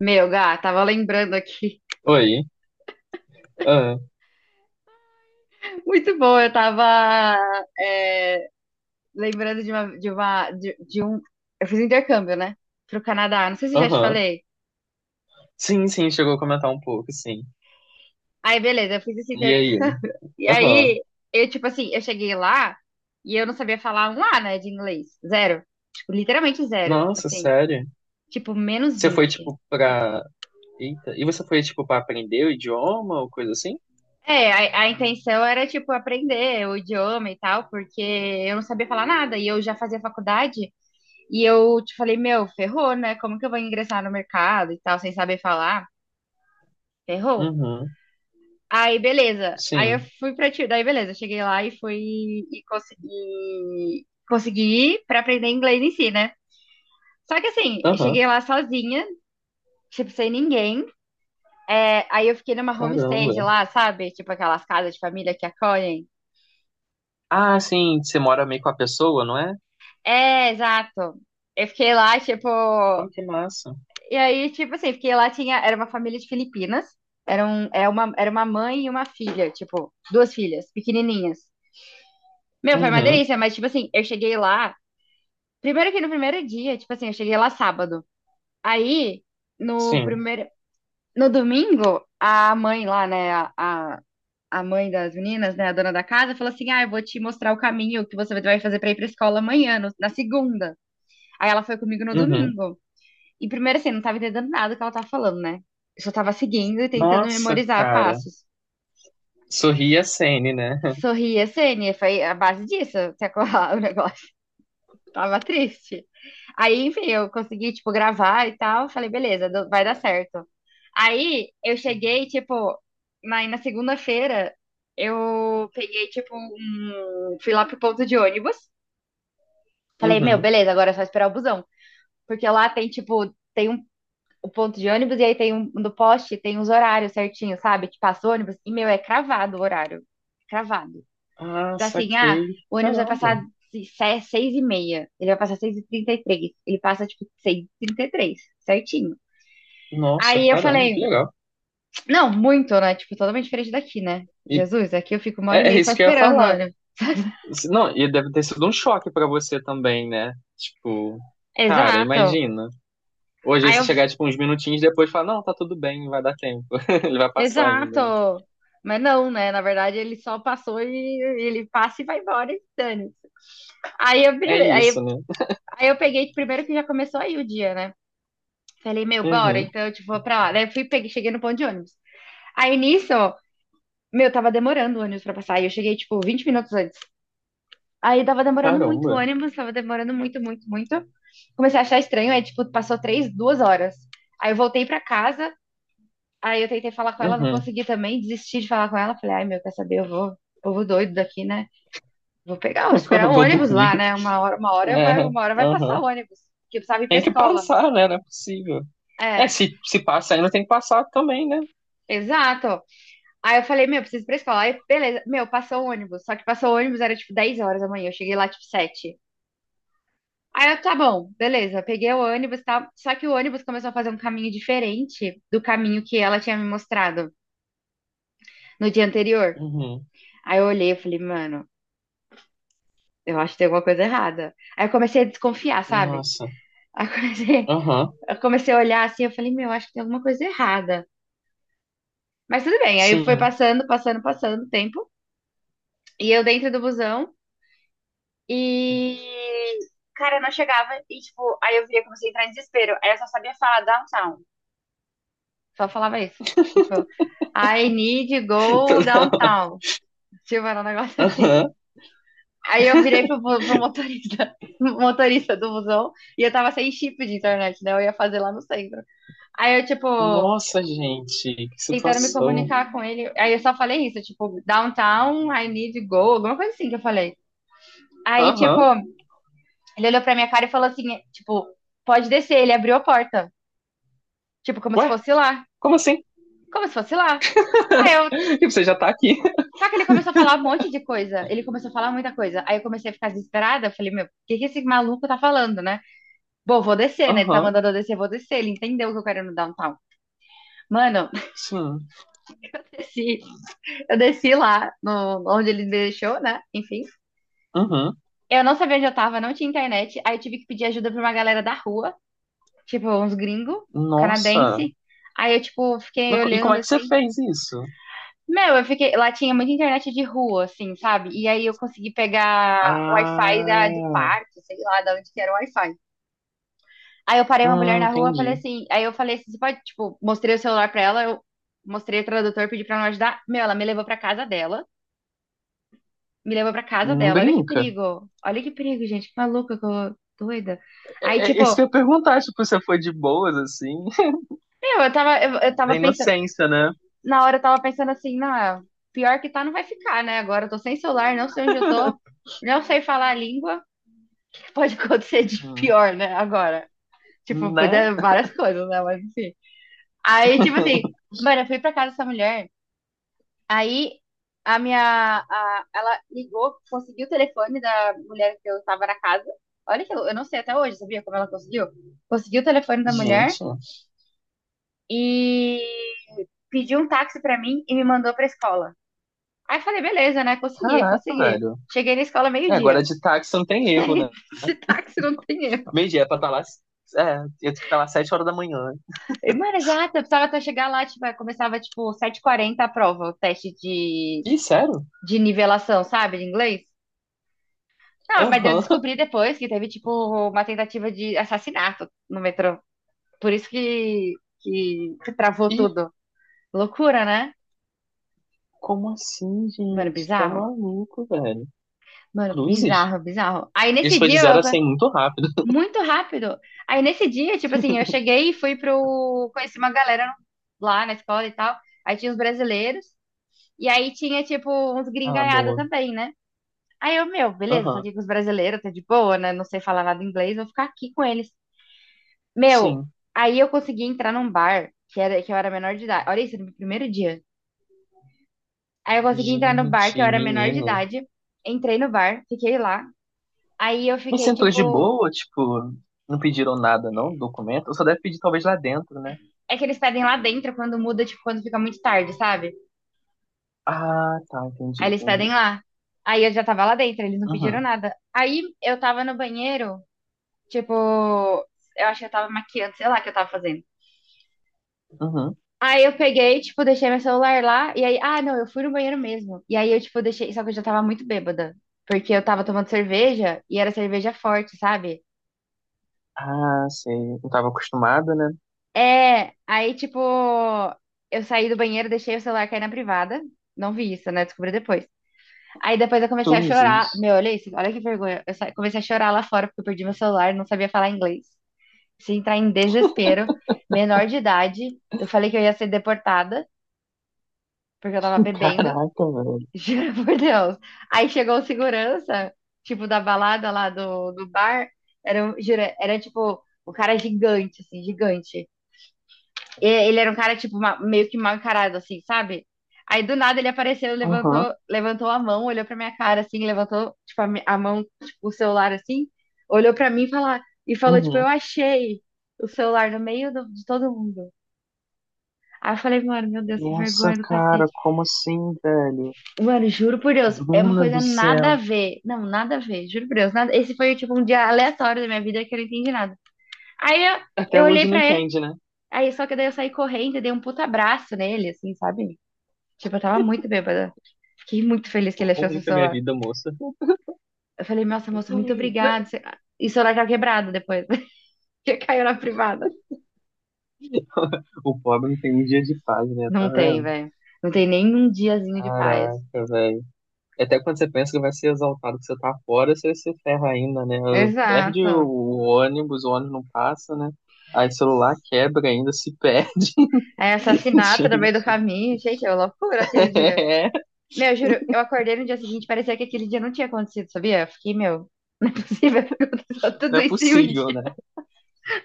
Meu, Gá, tava lembrando aqui. Oi. Ah. Muito bom, eu tava é, lembrando de um. Eu fiz um intercâmbio, né? Pro Canadá. Não sei se eu já te Aham. falei. Sim, sim, chegou a comentar um pouco, sim. Aí, beleza, eu fiz esse E aí? intercâmbio. E Aham. aí, eu, tipo assim, eu cheguei lá e eu não sabia falar um A, né, de inglês. Zero. Tipo, literalmente zero. Nossa, Assim, sério? tipo, menos Você foi, 20. tipo, pra... Eita. E você foi, tipo, pra aprender o idioma ou coisa assim? É, a intenção era, tipo, aprender o idioma e tal, porque eu não sabia falar nada. E eu já fazia faculdade. E eu te falei, meu, ferrou, né? Como que eu vou ingressar no mercado e tal, sem saber falar? Ferrou. Uhum. Aí, beleza. Aí eu Sim. fui pra ti. Daí, beleza. Cheguei lá e fui e consegui, consegui ir pra aprender inglês em si, né? Só que assim, eu Aham. cheguei lá sozinha, tipo, sem ninguém. É, aí eu fiquei numa homestay de Caramba. lá, sabe? Tipo aquelas casas de família que acolhem. Ah, sim, você mora meio com a pessoa, não é? É, exato. Eu fiquei lá, tipo, Pô, que massa. e aí, tipo assim, porque lá tinha, era uma família de Filipinas, era, um, é uma, era uma mãe e uma filha, tipo, duas filhas, pequenininhas. Meu, foi uma Uhum. delícia, mas, tipo assim, eu cheguei lá, primeiro que no primeiro dia, tipo assim, eu cheguei lá sábado. Aí, no Sim. primeiro, no domingo, a mãe lá, né, a mãe das meninas, né, a dona da casa, falou assim, ah, eu vou te mostrar o caminho que você vai fazer pra ir pra escola amanhã, na segunda. Aí ela foi comigo no Uhum. domingo. E primeiro, assim, não tava entendendo nada do que ela tava falando, né? Eu só tava seguindo e tentando Nossa, memorizar cara. passos. Sorri a Sene, né? Sorria, Sênia, foi a base disso, até colar o negócio. Tava triste. Aí, enfim, eu consegui, tipo, gravar e tal. Falei, beleza, vai dar certo. Aí, eu cheguei, tipo, na segunda-feira, eu peguei, tipo, um... Fui lá pro ponto de ônibus. Falei, meu, Uhum. beleza, agora é só esperar o busão. Porque lá tem, tipo, tem um o ponto de ônibus e aí tem um no poste tem os horários certinhos, sabe? Que passa o ônibus e meu é cravado o horário, cravado. Ah, Então assim, ah, saquei. o ônibus vai Caramba. passar seis e meia, ele vai passar seis e trinta e três, ele passa tipo seis e trinta e três, certinho. Nossa, Aí eu caramba, que falei, legal. não, muito, né? Tipo, totalmente diferente daqui, né? E Jesus, aqui eu fico uma hora e é meia só isso que eu ia esperando o falar. ônibus. Não, e deve ter sido um choque pra você também, né? Tipo, cara, Exato. imagina. Hoje aí Aí você eu, chegar, tipo, uns minutinhos depois e falar, não, tá tudo bem, vai dar tempo. Ele vai passar ainda, né? exato. Mas não, né? Na verdade, ele só passou e ele passa e vai embora e dane. Aí eu, É isso, né? aí eu peguei, primeiro que já começou aí o dia, né? Falei, meu, bora, Uhum. então, tipo, vou pra lá. Daí eu fui, peguei, cheguei no ponto de ônibus. Aí nisso, meu, tava demorando o ônibus pra passar. E eu cheguei, tipo, 20 minutos antes. Aí tava demorando muito o Caramba. ônibus, tava demorando muito, muito, muito. Comecei a achar estranho, aí, tipo, passou três, duas horas. Aí eu voltei pra casa, aí eu tentei falar com ela, não Uhum. consegui também, desisti de falar com ela. Falei, ai, meu, quer saber, eu vou, povo doido daqui, né? Vou pegar, vou esperar o Vou ônibus dormir. lá, né? É. Uma hora vai passar Uhum. o ônibus, que eu precisava ir pra Tem que escola. passar, né? Não é possível. É. É, se passa ainda tem que passar também, né? Exato. Aí eu falei, meu, preciso ir pra escola. Aí, beleza. Meu, passou o ônibus. Só que passou o ônibus, era tipo 10 horas da manhã. Eu cheguei lá tipo 7. Aí eu, tá bom, beleza. Peguei o ônibus, tá? Só que o ônibus começou a fazer um caminho diferente do caminho que ela tinha me mostrado no dia anterior. Uhum. Aí eu olhei e falei, mano, eu acho que tem alguma coisa errada. Aí eu comecei a desconfiar, sabe? Nossa. Aí eu comecei, Aham. eu comecei a olhar assim, eu falei, meu, acho que tem alguma coisa errada. Mas tudo bem. Aí foi Sim. passando, passando, passando o tempo. E eu dentro do busão. E, cara, eu não chegava e, tipo, aí eu via, comecei a entrar em desespero. Aí eu só sabia falar downtown. Só falava isso. Tipo, I need to go Toda hora. downtown. Tipo, era um negócio assim. Aham. Aí eu virei pro motorista, motorista do busão e eu tava sem chip de internet, né? Eu ia fazer lá no centro. Aí eu, tipo, Nossa, gente, que tentando me situação. comunicar com ele. Aí eu só falei isso, tipo, downtown, I need to go, alguma coisa assim que eu falei. Aí, tipo, Aham. ele olhou pra minha cara e falou assim, tipo, pode descer. Ele abriu a porta. Tipo, como se Ué, fosse lá. como assim? Como se fosse lá. Aí eu. E você já tá aqui. Só que ele começou a falar um monte de coisa. Ele começou a falar muita coisa. Aí eu comecei a ficar desesperada. Eu falei, meu, o que que esse maluco tá falando, né? Bom, vou descer, né? Ele tá Aham, mandando eu descer, vou descer. Ele entendeu que eu quero ir no downtown. Mano, sim. eu desci. Eu desci lá, no, onde ele me deixou, né? Enfim. Uhum. Eu não sabia onde eu tava, não tinha internet. Aí eu tive que pedir ajuda pra uma galera da rua. Tipo, uns gringos, Nossa. canadense. Aí eu, tipo, fiquei E como olhando é que você assim. fez isso? Meu, eu fiquei. Lá tinha muita internet de rua, assim, sabe? E aí eu consegui pegar o Wi-Fi do Ah, parque, sei lá, da onde que era o Wi-Fi. Aí eu parei uma mulher na rua, falei entendi. assim. Aí eu falei assim: você pode, tipo, mostrei o celular pra ela, eu mostrei o tradutor, pedi pra ela me ajudar. Meu, ela me levou pra casa dela. Me levou pra casa Não dela. Olha que brinca. perigo. Olha que perigo, gente. Que maluca, doida. Aí, É, tipo, é, isso que eu ia perguntar, tipo, você foi de boas, assim, meu, eu tava, eu da tava pensando. inocência, né? Na hora eu tava pensando assim, não, é, pior que tá, não vai ficar, né? Agora eu tô sem celular, não sei onde eu tô, não sei falar a língua. Pode acontecer de Sim. pior, né? Agora. Tipo, pode Né? dar várias coisas, né? Mas enfim. Aí, tipo assim, mano, eu fui pra casa dessa mulher. Aí a minha. Ela ligou, conseguiu o telefone da mulher que eu tava na casa. Olha que eu não sei até hoje, sabia como ela conseguiu? Conseguiu o telefone da mulher Gente, e pediu um táxi pra mim e me mandou pra escola. Aí eu falei, beleza, né? Consegui, caraca, consegui. velho. Cheguei na escola É, agora meio-dia. de táxi não tem erro, né? Esse táxi não tem erro. Meio-dia é pra estar lá. É, eu tenho que estar lá 7 horas da manhã. E, mano, exato, eu precisava até chegar lá, tipo, começava tipo sete h 40 a prova, o teste Ih, sério? de nivelação, sabe, de inglês. Não, mas eu Aham. descobri depois que teve tipo uma tentativa de assassinato no metrô. Por isso que, que travou Ih, tudo. Loucura, né? como assim, Mano, gente? Tá bizarro. maluco, velho. Mano, Cruzes? bizarro, bizarro. Aí Isso nesse foi de dia, zero eu, a cem muito rápido. muito rápido. Aí nesse dia, tipo assim, eu cheguei e fui pro. Conheci uma galera lá na escola e tal. Aí tinha os brasileiros. E aí tinha, tipo, uns Ah, gringaiada boa. também, né? Aí eu, meu, beleza, tô Aham. aqui com os brasileiros, tá de boa, né? Não sei falar nada inglês, vou ficar aqui com eles. Meu, Sim. aí eu consegui entrar num bar que era, que eu era menor de idade. Olha isso, no meu primeiro dia. Aí eu consegui entrar no bar que Gente, eu era menor de menina. idade. Entrei no bar, fiquei lá. Aí eu Mas fiquei, sentou de tipo. boa, tipo, não pediram nada, não? Documento? Só deve pedir talvez lá dentro, né? É que eles pedem lá dentro quando muda, tipo, quando fica muito tarde, sabe? Ah, tá, entendi, Aí eles pedem entendi. lá. Aí eu já tava lá dentro, eles não pediram Uhum, nada. Aí eu tava no banheiro. Tipo, eu acho que eu tava maquiando, sei lá o que eu tava fazendo. uhum. Aí eu peguei, tipo, deixei meu celular lá, e aí, ah, não, eu fui no banheiro mesmo. E aí eu, tipo, deixei, só que eu já tava muito bêbada, porque eu tava tomando cerveja, e era cerveja forte, sabe? Ah, sei. Não tava acostumada, né? É, aí, tipo, eu saí do banheiro, deixei o celular cair na privada, não vi isso, né? Descobri depois. Aí depois eu comecei a chorar, Cruzes. meu, olha isso, olha que vergonha. Comecei a chorar lá fora, porque eu perdi meu celular, não sabia falar inglês. Se entrar em desespero, menor de idade. Eu falei que eu ia ser deportada, porque eu tava bebendo, Caraca, velho. juro por Deus. Aí chegou o segurança, tipo, da balada lá do bar. Era, juro, era tipo, o cara gigante, assim, gigante. E ele era um cara, tipo, meio que mal encarado, assim, sabe? Aí do nada ele apareceu, Aham, levantou, levantou a mão, olhou pra minha cara, assim, levantou, tipo, a, a mão, tipo, o celular, assim, olhou pra mim e falou, tipo, eu uhum. achei o celular no meio do- de todo mundo. Aí eu falei, mano, meu Deus, que Nossa, vergonha do cara, cacete. como assim, velho? Mano, juro por Deus, é uma Bruna do coisa nada a céu. ver. Não, nada a ver, juro por Deus. Esse foi, tipo, um dia aleatório da minha vida que eu não entendi nada. Aí Até eu olhei hoje não pra ele, entende, né? aí só que daí eu saí correndo e dei um puta abraço nele, assim, sabe? Tipo, eu tava muito bêbada. Fiquei muito feliz que ele Ou achou seu muito a minha celular. vida, moça. Eu falei, nossa, moço, muito obrigado. Você- E o celular tava quebrado depois, que caiu na privada. O pobre não tem um dia de paz, né? Não Tá tem, vendo? velho. Não tem nem um diazinho de paz. Caraca, velho. Até quando você pensa que vai ser exaltado, que você tá fora, você se ferra ainda, né? Perde Exato. O ônibus não passa, né? Aí o celular quebra ainda, se perde, É, assassinato no meio do gente. caminho, gente, é uma loucura aquele dia. É, Meu, juro, eu acordei no dia seguinte, parecia que aquele dia não tinha acontecido, sabia? Eu fiquei, meu, não é possível que aconteceu não tudo é isso em um possível, dia. né?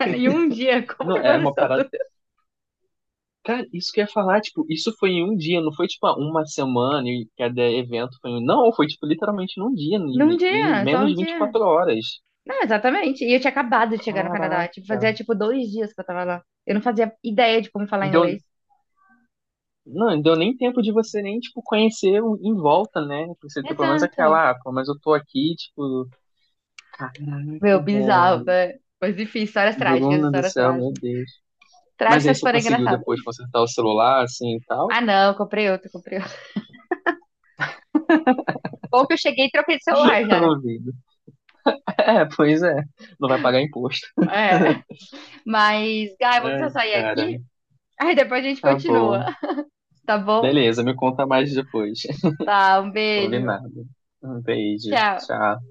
Em um dia, como que Não, é uma aconteceu parada. tudo isso? Cara, isso que eu ia falar, tipo, isso foi em um dia, não foi tipo ah, uma semana e cada evento foi. Não, foi tipo literalmente num dia, Num em dia, só menos um de vinte e dia. quatro horas. Não, exatamente. E eu tinha acabado de chegar no Canadá, Caraca. tipo, fazia tipo dois dias que eu tava lá. Eu não fazia ideia de como falar Então, inglês. não, não deu nem tempo de você nem, tipo, conhecer em volta, né? Pra você ter pelo menos Exato. aquela, ah, pô, mas eu tô aqui, tipo, Meu, caraca, bizarro, velho. né? Mas enfim, histórias trágicas, Bruna do histórias céu, meu trágicas. Deus. Mas aí Trágicas, você porém conseguiu engraçadas. depois consertar o celular, assim, e tal? Ah, não, comprei outro, comprei outro. Bom que eu cheguei e troquei de celular já, né? Ô, vida. É, pois é, não vai pagar imposto. É. Mas, Gá, eu vou precisar Ai, sair cara, aqui. Aí depois a gente tá continua, bom. tá bom? Beleza, me conta mais depois. Tá, um beijo. Combinado. Um beijo, Tchau. tchau.